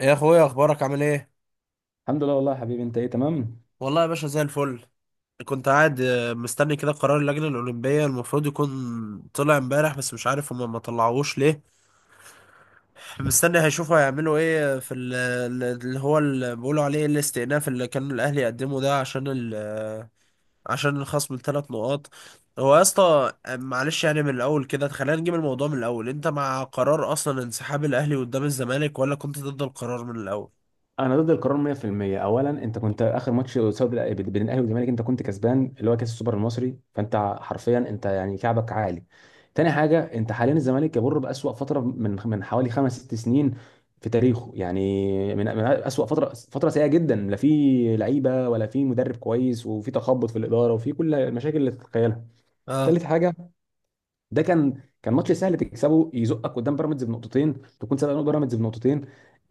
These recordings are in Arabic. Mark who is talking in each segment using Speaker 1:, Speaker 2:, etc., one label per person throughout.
Speaker 1: يا اخويا، اخبارك عامل ايه؟
Speaker 2: الحمد لله، والله يا حبيبي، انت ايه؟ تمام.
Speaker 1: والله يا باشا، زي الفل. كنت قاعد مستني كده قرار اللجنة الأولمبية، المفروض يكون طلع امبارح، بس مش عارف هما ما طلعوش ليه. مستني هيشوفوا هيعملوا ايه في اللي هو اللي بيقولوا عليه الاستئناف، اللي كان الأهلي يقدمه ده، عشان ال آه، عشان الخصم ال3 نقاط. هو يا اسطى، معلش يعني من الأول كده، خلينا نجيب الموضوع من الأول. أنت مع قرار أصلا انسحاب الأهلي قدام الزمالك، ولا كنت ضد القرار من الأول؟
Speaker 2: انا ضد القرار 100%. اولا، انت كنت اخر ماتش قصاد بين الاهلي والزمالك، انت كنت كسبان اللي هو كاس السوبر المصري. فانت حرفيا انت يعني كعبك عالي. تاني حاجه، انت حاليا الزمالك يمر باسوا فتره من حوالي خمس ست سنين في تاريخه. يعني من اسوا فتره، فتره سيئه جدا، لا في لعيبه ولا في مدرب كويس، وفي تخبط في الاداره، وفي كل المشاكل اللي تتخيلها.
Speaker 1: اه.
Speaker 2: تالت حاجه، ده كان ماتش سهل تكسبه، يزقك قدام بيراميدز بنقطتين، تكون سابق بيراميدز بنقطتين.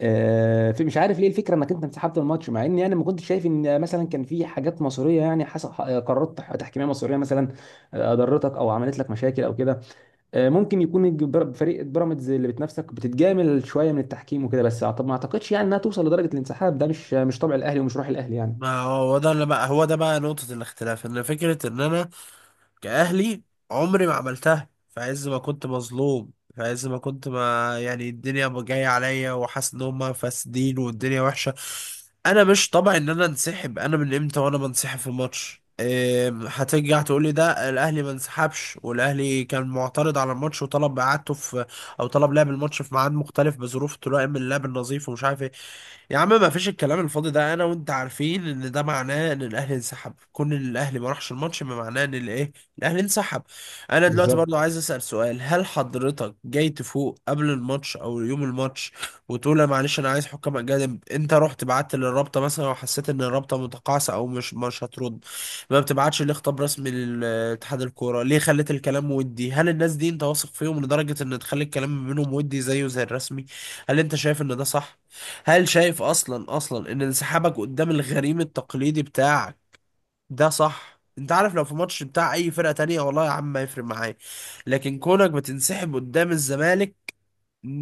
Speaker 2: في، مش عارف ليه الفكره انك انت انسحبت من الماتش، مع اني انا ما كنتش شايف ان مثلا كان في حاجات مصيريه. يعني حصل قرارات تحكيميه مصيريه مثلا، ضرتك او عملت لك مشاكل او كده. ممكن يكون فريق بيراميدز اللي بتنافسك بتتجامل شويه من التحكيم وكده، بس ما اعتقدش يعني انها توصل لدرجه الانسحاب. ده مش طبع الاهلي ومش روح الاهلي يعني.
Speaker 1: ما هو ده اللي بقى، هو ده بقى نقطة الاختلاف، ان فكرة ان انا كأهلي عمري ما عملتها، في عز ما كنت مظلوم، في عز ما كنت، ما يعني الدنيا جاية عليا وحاسس ان هما فاسدين والدنيا وحشة. انا مش طبعي ان انا انسحب. انا من امتى وانا بنسحب في الماتش؟ هترجع تقول لي ده الاهلي ما انسحبش، والاهلي كان معترض على الماتش وطلب اعادته، او طلب لعب الماتش في ميعاد مختلف بظروف تلائم اللعب النظيف ومش عارف ايه. يا عم، ما فيش الكلام الفاضي ده، انا وانت عارفين ان ده معناه ان الاهلي انسحب. كون ان الاهلي ما راحش الماتش ما معناه ان الايه؟ الاهلي انسحب. انا دلوقتي
Speaker 2: بالظبط.
Speaker 1: برضو عايز اسال سؤال، هل حضرتك جاي تفوق قبل الماتش او يوم الماتش وتقول لا معلش انا عايز حكام اجانب؟ انت رحت بعت للرابطه مثلا وحسيت ان الرابطه متقاعسه او مش هترد؟ ما بتبعتش ليه خطاب رسمي لاتحاد الكوره؟ ليه خليت الكلام، ودي هل الناس دي انت واثق فيهم لدرجه ان تخلي الكلام منهم ودي زيه زي الرسمي؟ هل انت شايف ان ده صح؟ هل شايف اصلا اصلا ان انسحابك قدام الغريم التقليدي بتاعك ده صح؟ انت عارف، لو في ماتش بتاع اي فرقة تانية والله يا عم ما يفرق معايا، لكن كونك بتنسحب قدام الزمالك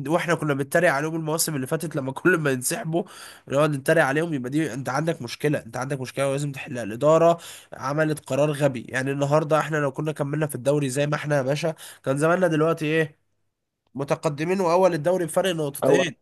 Speaker 1: واحنا كنا بنتريق عليهم المواسم اللي فاتت، لما كل ما ينسحبوا نقعد نتريق عليهم، يبقى دي انت عندك مشكله، انت عندك مشكله ولازم تحلها الاداره. عملت قرار غبي، يعني النهارده احنا لو كنا كملنا في الدوري زي ما احنا يا باشا، كان زماننا دلوقتي ايه؟ متقدمين واول الدوري بفرق
Speaker 2: او
Speaker 1: نقطتين.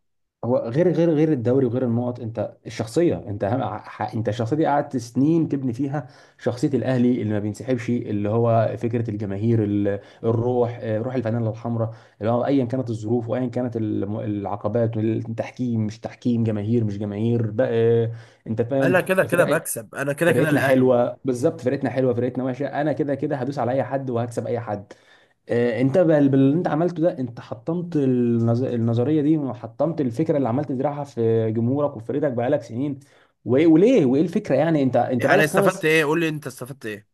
Speaker 2: هو غير الدوري وغير النقط، انت الشخصيه، انت اهم انت الشخصيه دي قعدت سنين تبني فيها شخصيه الاهلي، اللي ما بينسحبش، اللي هو فكره الجماهير، الروح، روح الفانيلا الحمراء، اللي هو ايا كانت الظروف وايا كانت العقبات، التحكيم مش تحكيم، جماهير مش جماهير، بقى انت فاهم.
Speaker 1: انا كده كده
Speaker 2: فرق-
Speaker 1: بكسب، انا كده كده
Speaker 2: فرقتنا
Speaker 1: الاهلي.
Speaker 2: حلوه، بالظبط، فرقتنا حلوه فرقتنا وحشه، انا كده كده هدوس على اي حد وهكسب اي حد. انت باللي انت عملته ده، انت حطمت النظريه دي، وحطمت الفكره اللي عمال تزرعها في جمهورك وفريقك بقالك سنين. وليه؟ وايه الفكره يعني؟ انت
Speaker 1: يعني
Speaker 2: بقالك
Speaker 1: استفدت
Speaker 2: خمس،
Speaker 1: ايه؟ قول لي انت استفدت ايه؟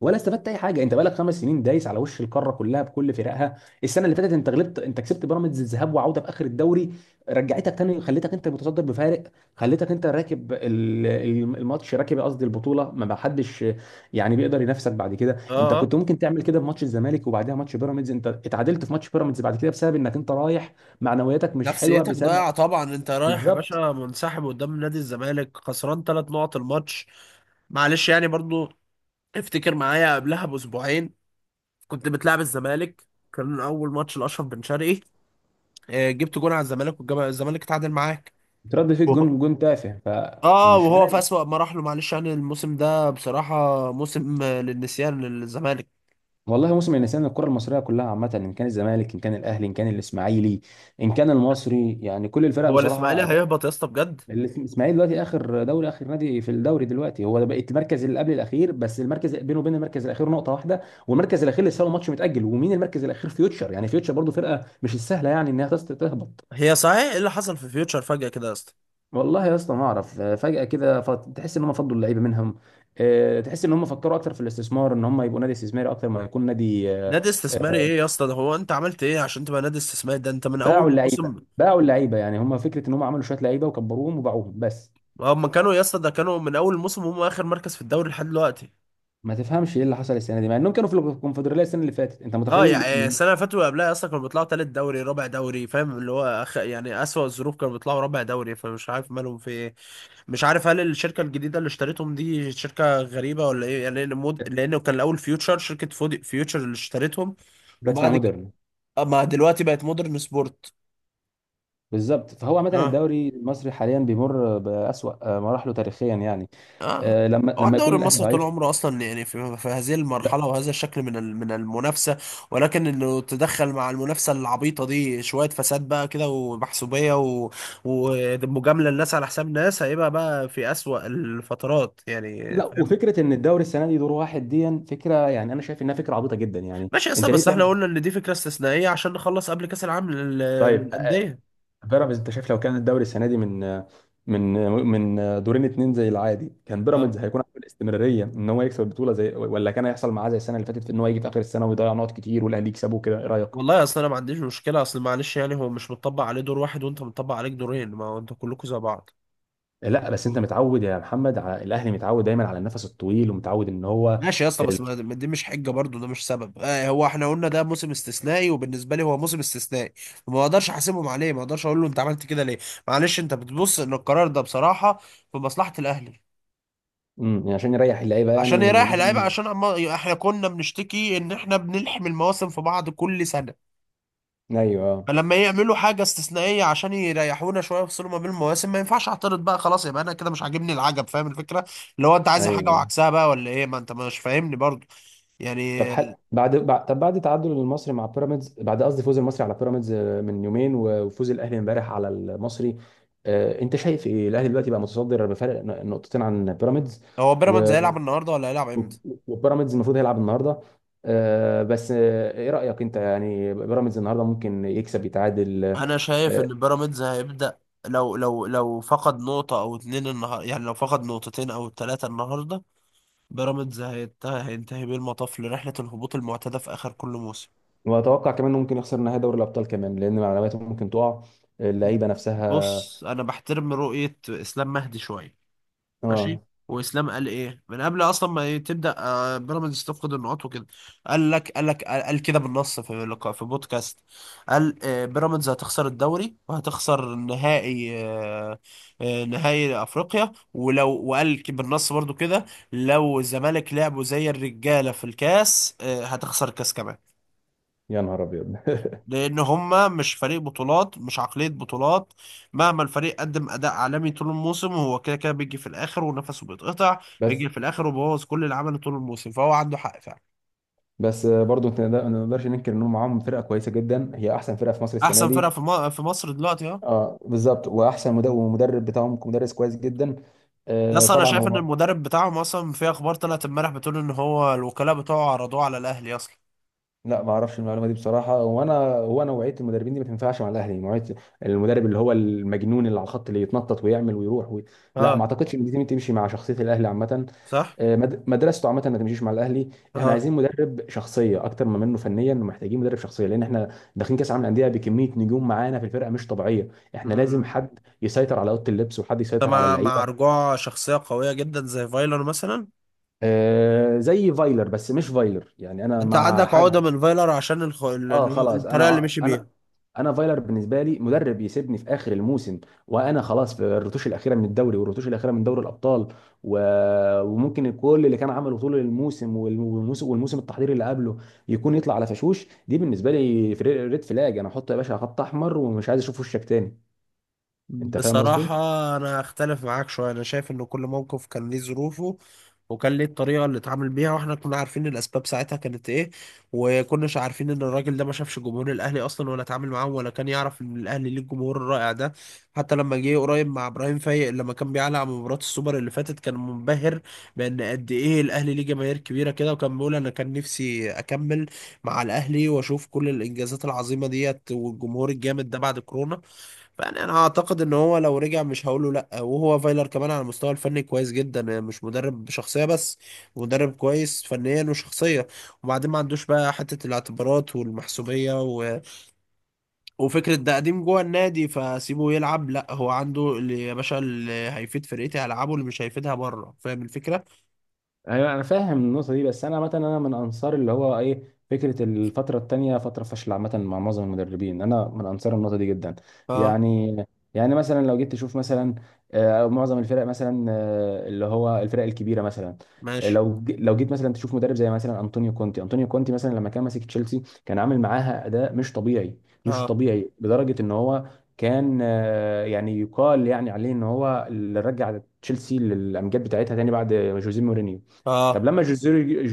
Speaker 2: ولا استفدت اي حاجه. انت بقالك 5 سنين دايس على وش القاره كلها بكل فرقها. السنه اللي فاتت انت غلبت، انت كسبت بيراميدز الذهاب وعوده في اخر الدوري، رجعتك تاني، خليتك انت المتصدر بفارق، خليتك انت راكب الماتش، راكب قصدي البطوله، ما حدش يعني بيقدر ينافسك بعد كده.
Speaker 1: اه،
Speaker 2: انت
Speaker 1: اه.
Speaker 2: كنت ممكن تعمل كده في ماتش الزمالك وبعدها ماتش بيراميدز، انت اتعادلت في ماتش بيراميدز بعد كده بسبب انك انت رايح معنوياتك مش حلوه
Speaker 1: نفسيتك
Speaker 2: بسبب.
Speaker 1: ضايعه طبعا، انت رايح يا
Speaker 2: بالظبط.
Speaker 1: باشا منسحب قدام نادي الزمالك، خسران 3 نقط الماتش. معلش يعني برضو، افتكر معايا قبلها باسبوعين كنت بتلعب الزمالك، كان اول ماتش لاشرف بن شرقي. جبت جون على الزمالك والزمالك اتعادل معاك.
Speaker 2: ترد فيك
Speaker 1: وهو-
Speaker 2: جون، جون تافه،
Speaker 1: اه،
Speaker 2: فمش
Speaker 1: وهو في
Speaker 2: عارف.
Speaker 1: اسوأ مراحله. معلش يعني الموسم ده بصراحه موسم للنسيان للزمالك.
Speaker 2: والله موسم النسيان، الكرة المصرية كلها عامة، إن كان الزمالك إن كان الأهلي إن كان الإسماعيلي إن كان المصري، يعني كل الفرق
Speaker 1: هو الاسماعيلي
Speaker 2: بصراحة أداء.
Speaker 1: هيهبط يا اسطى بجد؟
Speaker 2: الإسماعيلي دلوقتي آخر دوري، آخر نادي في الدوري دلوقتي هو ده، بقت المركز اللي قبل الأخير، بس المركز بينه وبين المركز الأخير نقطة واحدة، والمركز الأخير لسه له ماتش متأجل، ومين المركز الأخير؟ فيوتشر. يعني فيوتشر برضه فرقة مش السهلة يعني إنها تهبط.
Speaker 1: هي صحيح ايه اللي حصل في فيوتشر فجأة كده يا اسطى؟
Speaker 2: والله يا اسطى ما أعرف، فجأة كده، تحس إن هم فضلوا اللعيبة منهم، تحس إن هم فكروا أكتر في الاستثمار، إن هم يبقوا نادي استثماري أكتر ما يكون نادي.
Speaker 1: نادي استثماري ايه يا اسطى؟ ده هو انت عملت ايه عشان تبقى نادي استثماري؟ ده انت من اول
Speaker 2: باعوا اللعيبه،
Speaker 1: الموسم.
Speaker 2: باعوا اللعيبه، يعني هم فكره ان هم عملوا شويه لعيبه وكبروهم وباعوهم بس.
Speaker 1: هم كانوا يا اسطى، ده كانوا من اول الموسم هم اخر مركز في الدوري لحد دلوقتي.
Speaker 2: ما تفهمش ايه اللي حصل السنه دي، مع انهم كانوا في الكونفدراليه السنه اللي فاتت. انت
Speaker 1: اه،
Speaker 2: متخيل
Speaker 1: يعني السنه اللي فاتت واللي قبلها اصلا كانوا بيطلعوا تالت دوري رابع دوري، فاهم، اللي هو يعني اسوأ الظروف كانوا بيطلعوا رابع دوري، فمش عارف مالهم في ايه. مش عارف، هل الشركه الجديده اللي اشتريتهم دي شركه غريبه ولا ايه يعني، لانه كان الاول فيوتشر فيوتشر اللي اشتريتهم.
Speaker 2: دلوقتي اسمها
Speaker 1: وبعد كده،
Speaker 2: مودرن.
Speaker 1: ما دلوقتي بقت مودرن سبورت.
Speaker 2: بالظبط. فهو عامه
Speaker 1: اه،
Speaker 2: الدوري المصري حاليا بيمر باسوا مراحله تاريخيا يعني،
Speaker 1: اه.
Speaker 2: لما
Speaker 1: هو
Speaker 2: لما
Speaker 1: الدوري
Speaker 2: يكون الاهلي
Speaker 1: المصري طول
Speaker 2: ضعيف.
Speaker 1: عمره اصلا يعني في هذه
Speaker 2: لا،
Speaker 1: المرحله وهذا الشكل من من المنافسه، ولكن انه تدخل مع المنافسه العبيطه دي شويه فساد بقى كده ومحسوبيه ومجامله الناس على حساب ناس، هيبقى بقى في اسوأ الفترات يعني،
Speaker 2: لا،
Speaker 1: فاهم.
Speaker 2: وفكره ان الدوري السنه دي دور واحد، دي فكره يعني، انا شايف انها فكره عبيطه جدا يعني.
Speaker 1: ماشي اصلا،
Speaker 2: انت ليه
Speaker 1: بس احنا
Speaker 2: تعمل؟
Speaker 1: قلنا ان دي فكره استثنائيه عشان نخلص قبل كاس العالم
Speaker 2: طيب،
Speaker 1: للانديه.
Speaker 2: بيراميدز انت شايف لو كان الدوري السنه دي من من دورين اتنين زي العادي، كان
Speaker 1: اه.
Speaker 2: بيراميدز هيكون عنده الاستمراريه ان هو يكسب البطوله زي، ولا كان هيحصل معاه زي السنه اللي فاتت في ان هو يجي في اخر السنه ويضيع نقط كتير والاهلي يكسبه كده؟ ايه رايك؟
Speaker 1: والله اصلا انا ما عنديش مشكله اصل، معلش يعني هو مش متطبق عليه دور واحد وانت متطبق عليك دورين، ما هو انتوا كلكم زي بعض.
Speaker 2: لا بس انت متعود يا محمد على الاهلي، متعود دايما على النفس الطويل ومتعود ان هو
Speaker 1: ماشي يا اسطى، بس
Speaker 2: ال...
Speaker 1: ما دي مش حجه برضو، ده مش سبب. هو احنا قلنا ده موسم استثنائي، وبالنسبه لي هو موسم استثنائي، ما اقدرش احاسبهم عليه، ما اقدرش اقول له انت عملت كده ليه. معلش، انت بتبص ان القرار ده بصراحه في مصلحه الاهلي،
Speaker 2: عشان يريح اللعيبه
Speaker 1: عشان
Speaker 2: يعني
Speaker 1: يريح
Speaker 2: للموسم
Speaker 1: اللعيبه،
Speaker 2: اللي جاي.
Speaker 1: عشان احنا كنا بنشتكي ان احنا بنلحم المواسم في بعض كل سنه،
Speaker 2: ايوه.
Speaker 1: فلما يعملوا حاجه استثنائيه عشان يريحونا شويه ويفصلوا ما بين المواسم، ما ينفعش اعترض بقى. خلاص، يبقى انا كده مش عاجبني العجب، فاهم الفكره؟ اللي هو انت عايز حاجه
Speaker 2: ايوه.
Speaker 1: وعكسها بقى ولا ايه؟ ما انت مش فاهمني برضو يعني.
Speaker 2: طب بعد تعادل المصري مع بيراميدز، بعد قصدي فوز المصري على بيراميدز، من يومين وفوز الاهلي امبارح على المصري. انت شايف ايه؟ الاهلي دلوقتي بقى متصدر بفارق نقطتين عن بيراميدز.
Speaker 1: هو بيراميدز
Speaker 2: و-
Speaker 1: هيلعب النهارده ولا هيلعب
Speaker 2: و-
Speaker 1: امتى؟
Speaker 2: وبيراميدز المفروض هيلعب النهارده. بس ايه رايك انت؟ يعني بيراميدز النهارده ممكن يكسب، يتعادل؟
Speaker 1: انا شايف
Speaker 2: آه،
Speaker 1: ان بيراميدز هيبدأ، لو لو فقد نقطة او اتنين النهارده، يعني لو فقد نقطتين او ثلاثة النهارده، بيراميدز هينتهي بيه المطاف لرحلة الهبوط المعتادة في اخر كل موسم.
Speaker 2: واتوقع كمان انه ممكن يخسر نهائي دوري الابطال كمان، لان معلوماته ممكن تقع، اللعيبه نفسها.
Speaker 1: بص، انا بحترم رؤية اسلام مهدي شوية. ماشي.
Speaker 2: اه.
Speaker 1: واسلام قال ايه من قبل اصلا، ما تبدا بيراميدز تفقد النقاط وكده. قال لك قال كده بالنص في لقاء في بودكاست. قال بيراميدز هتخسر الدوري، وهتخسر نهائي، نهائي افريقيا. وقال بالنص برضو كده، لو الزمالك لعبوا زي الرجاله في الكاس هتخسر الكاس كمان.
Speaker 2: يا نهار ابيض
Speaker 1: لان هما مش فريق بطولات، مش عقلية بطولات، مهما الفريق قدم اداء عالمي طول الموسم هو كده كده بيجي في الاخر ونفسه بيتقطع، بيجي
Speaker 2: بس
Speaker 1: في الاخر وبوظ كل اللي عمله طول الموسم، فهو عنده حق فعلا.
Speaker 2: بس برضو ما نقدرش ننكر ان هم معاهم فرقه كويسه جدا، هي احسن فرقه في مصر السنه
Speaker 1: احسن فرقة
Speaker 2: دي.
Speaker 1: في مصر دلوقتي، اه.
Speaker 2: اه، بالظبط، واحسن ومدرب بتاعهم مدرس كويس جدا.
Speaker 1: يس، انا
Speaker 2: طبعا
Speaker 1: شايف ان
Speaker 2: هو.
Speaker 1: المدرب بتاعهم اصلا في اخبار طلعت امبارح بتقول ان هو الوكلاء بتوعه عرضوه على الاهلي اصلا.
Speaker 2: لا ما اعرفش المعلومه دي بصراحه، وانا هو نوعيه المدربين دي ما تنفعش مع الاهلي، نوعيه المدرب اللي هو المجنون اللي على الخط اللي يتنطط ويعمل ويروح لا ما
Speaker 1: اه،
Speaker 2: اعتقدش ان دي تمشي مع شخصيه الاهلي عامه.
Speaker 1: صح،
Speaker 2: مدرسته عامه ما تمشيش مع الاهلي. احنا
Speaker 1: اه،
Speaker 2: عايزين مدرب شخصيه اكتر ما منه فنيا، محتاجين مدرب شخصيه، لان احنا داخلين كاس عالم الانديه بكميه نجوم معانا في الفرقه مش طبيعيه، احنا لازم
Speaker 1: امم.
Speaker 2: حد يسيطر على اوضه اللبس وحد
Speaker 1: انت
Speaker 2: يسيطر على
Speaker 1: مع
Speaker 2: اللعيبه.
Speaker 1: رجوع شخصية قوية جدا زي فايلر مثلا؟
Speaker 2: زي فايلر، بس مش فايلر، يعني انا
Speaker 1: انت
Speaker 2: مع
Speaker 1: عندك عقدة
Speaker 2: حد.
Speaker 1: من فايلر عشان
Speaker 2: اه خلاص،
Speaker 1: الطريقة اللي
Speaker 2: انا
Speaker 1: مشي
Speaker 2: انا
Speaker 1: بيها.
Speaker 2: انا فايلر بالنسبه لي مدرب يسيبني في اخر الموسم، وانا خلاص في الرتوش الاخيره من الدوري والرتوش الاخيره من دوري الابطال، و... وممكن كل اللي كان عمله طول الموسم والموسم التحضيري اللي قبله يكون يطلع على فشوش. دي بالنسبه لي ريد فلاج، انا احط يا باشا خط احمر، ومش عايز اشوف وشك تاني. انت فاهم قصدي؟
Speaker 1: بصراحة، أنا أختلف معاك شوية، أنا شايف إن كل موقف كان ليه ظروفه، وكان ليه الطريقة اللي اتعامل بيها، وإحنا كنا عارفين الأسباب ساعتها كانت إيه، وكناش عارفين إن الراجل ده ما شافش جمهور الأهلي أصلا ولا اتعامل معاهم، ولا كان يعرف إن الأهلي ليه الجمهور الرائع ده. حتى لما جه قريب مع إبراهيم فايق، لما كان بيعلق على مباراة السوبر اللي فاتت، كان منبهر بإن قد إيه الأهلي ليه جماهير كبيرة كده، وكان بيقول أنا كان نفسي أكمل مع الأهلي وأشوف كل الإنجازات العظيمة ديت والجمهور الجامد ده بعد كورونا. فانا اعتقد ان هو لو رجع مش هقوله لا، وهو فايلر كمان على المستوى الفني كويس جدا، مش مدرب شخصيه بس، مدرب كويس فنيا وشخصيه. وبعدين ما عندوش بقى حته الاعتبارات والمحسوبيه، وفكره ده قديم جوه النادي فسيبه يلعب، لا، هو عنده اللي يا باشا اللي هيفيد فرقتي هلعبه، اللي مش هيفيدها بره، فاهم الفكره.
Speaker 2: ايوه، انا فاهم النقطه دي، بس انا مثلا، انا من انصار اللي هو ايه، فكره الفتره التانيه فتره فشل عامه مع معظم المدربين، انا من انصار النقطه دي جدا.
Speaker 1: اه،
Speaker 2: يعني يعني مثلا لو جيت تشوف مثلا، معظم الفرق مثلا، اللي هو الفرق الكبيره مثلا،
Speaker 1: ماشي،
Speaker 2: لو لو جيت مثلا تشوف مدرب زي مثلا انطونيو كونتي، انطونيو كونتي مثلا لما كان ماسك تشيلسي كان عامل معاها اداء مش طبيعي، مش
Speaker 1: اه،
Speaker 2: طبيعي لدرجه ان هو كان يعني يقال يعني عليه ان هو اللي رجع تشيلسي للامجاد بتاعتها تاني بعد جوزيه مورينيو.
Speaker 1: اه،
Speaker 2: طب لما جوزيه،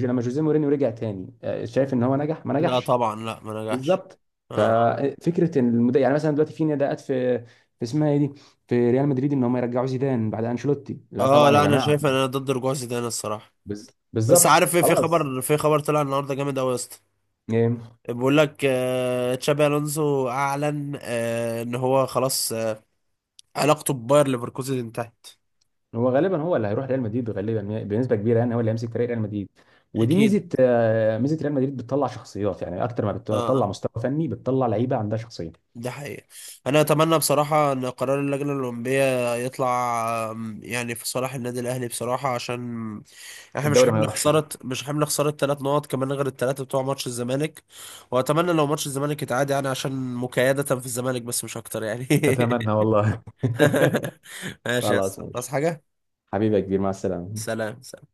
Speaker 2: لما جوزيه مورينيو رجع تاني، شايف ان هو نجح ما
Speaker 1: لا
Speaker 2: نجحش؟
Speaker 1: طبعا، لا ما نجحش،
Speaker 2: بالظبط.
Speaker 1: اه،
Speaker 2: ففكره ان يعني مثلا دلوقتي في نداءات في، في اسمها ايه دي، في ريال مدريد، ان هم يرجعوا زيدان بعد انشيلوتي، لا
Speaker 1: اه.
Speaker 2: طبعا يا
Speaker 1: لا، انا
Speaker 2: جماعه،
Speaker 1: شايف ان انا ضد رجوع زيدان الصراحه. بس
Speaker 2: بالظبط
Speaker 1: عارف ايه، في
Speaker 2: خلاص.
Speaker 1: خبر، في خبر طلع النهارده جامد قوي يا اسطى،
Speaker 2: إيه؟
Speaker 1: بيقول لك تشابي الونسو اعلن ان هو خلاص علاقته بباير ليفركوزن انتهت.
Speaker 2: هو غالبا، هو اللي هيروح ريال مدريد غالبا بنسبه كبيره، يعني هو اللي هيمسك فريق ريال مدريد، ودي
Speaker 1: اكيد،
Speaker 2: ميزه ميزه ريال مدريد بتطلع شخصيات يعني اكتر ما
Speaker 1: اه،
Speaker 2: بتطلع
Speaker 1: اه،
Speaker 2: مستوى فني، بتطلع لعيبه عندها شخصيه.
Speaker 1: ده حقيقي. انا اتمنى بصراحه ان قرار اللجنه الاولمبيه يطلع، يعني في صالح النادي الاهلي بصراحه، عشان احنا مش
Speaker 2: الدوري ما
Speaker 1: حمل
Speaker 2: يروحش.
Speaker 1: خساره، مش حمل خساره 3 نقط كمان غير ال3 بتوع ماتش الزمالك. واتمنى لو ماتش الزمالك يتعاد، يعني عشان مكايده في الزمالك بس، مش اكتر يعني.
Speaker 2: اتمنى والله.
Speaker 1: ماشي يا
Speaker 2: خلاص
Speaker 1: اسطى، خلاص،
Speaker 2: ماشي.
Speaker 1: حاجة.
Speaker 2: حبيبي يا كبير، مع السلامة.
Speaker 1: سلام، سلام.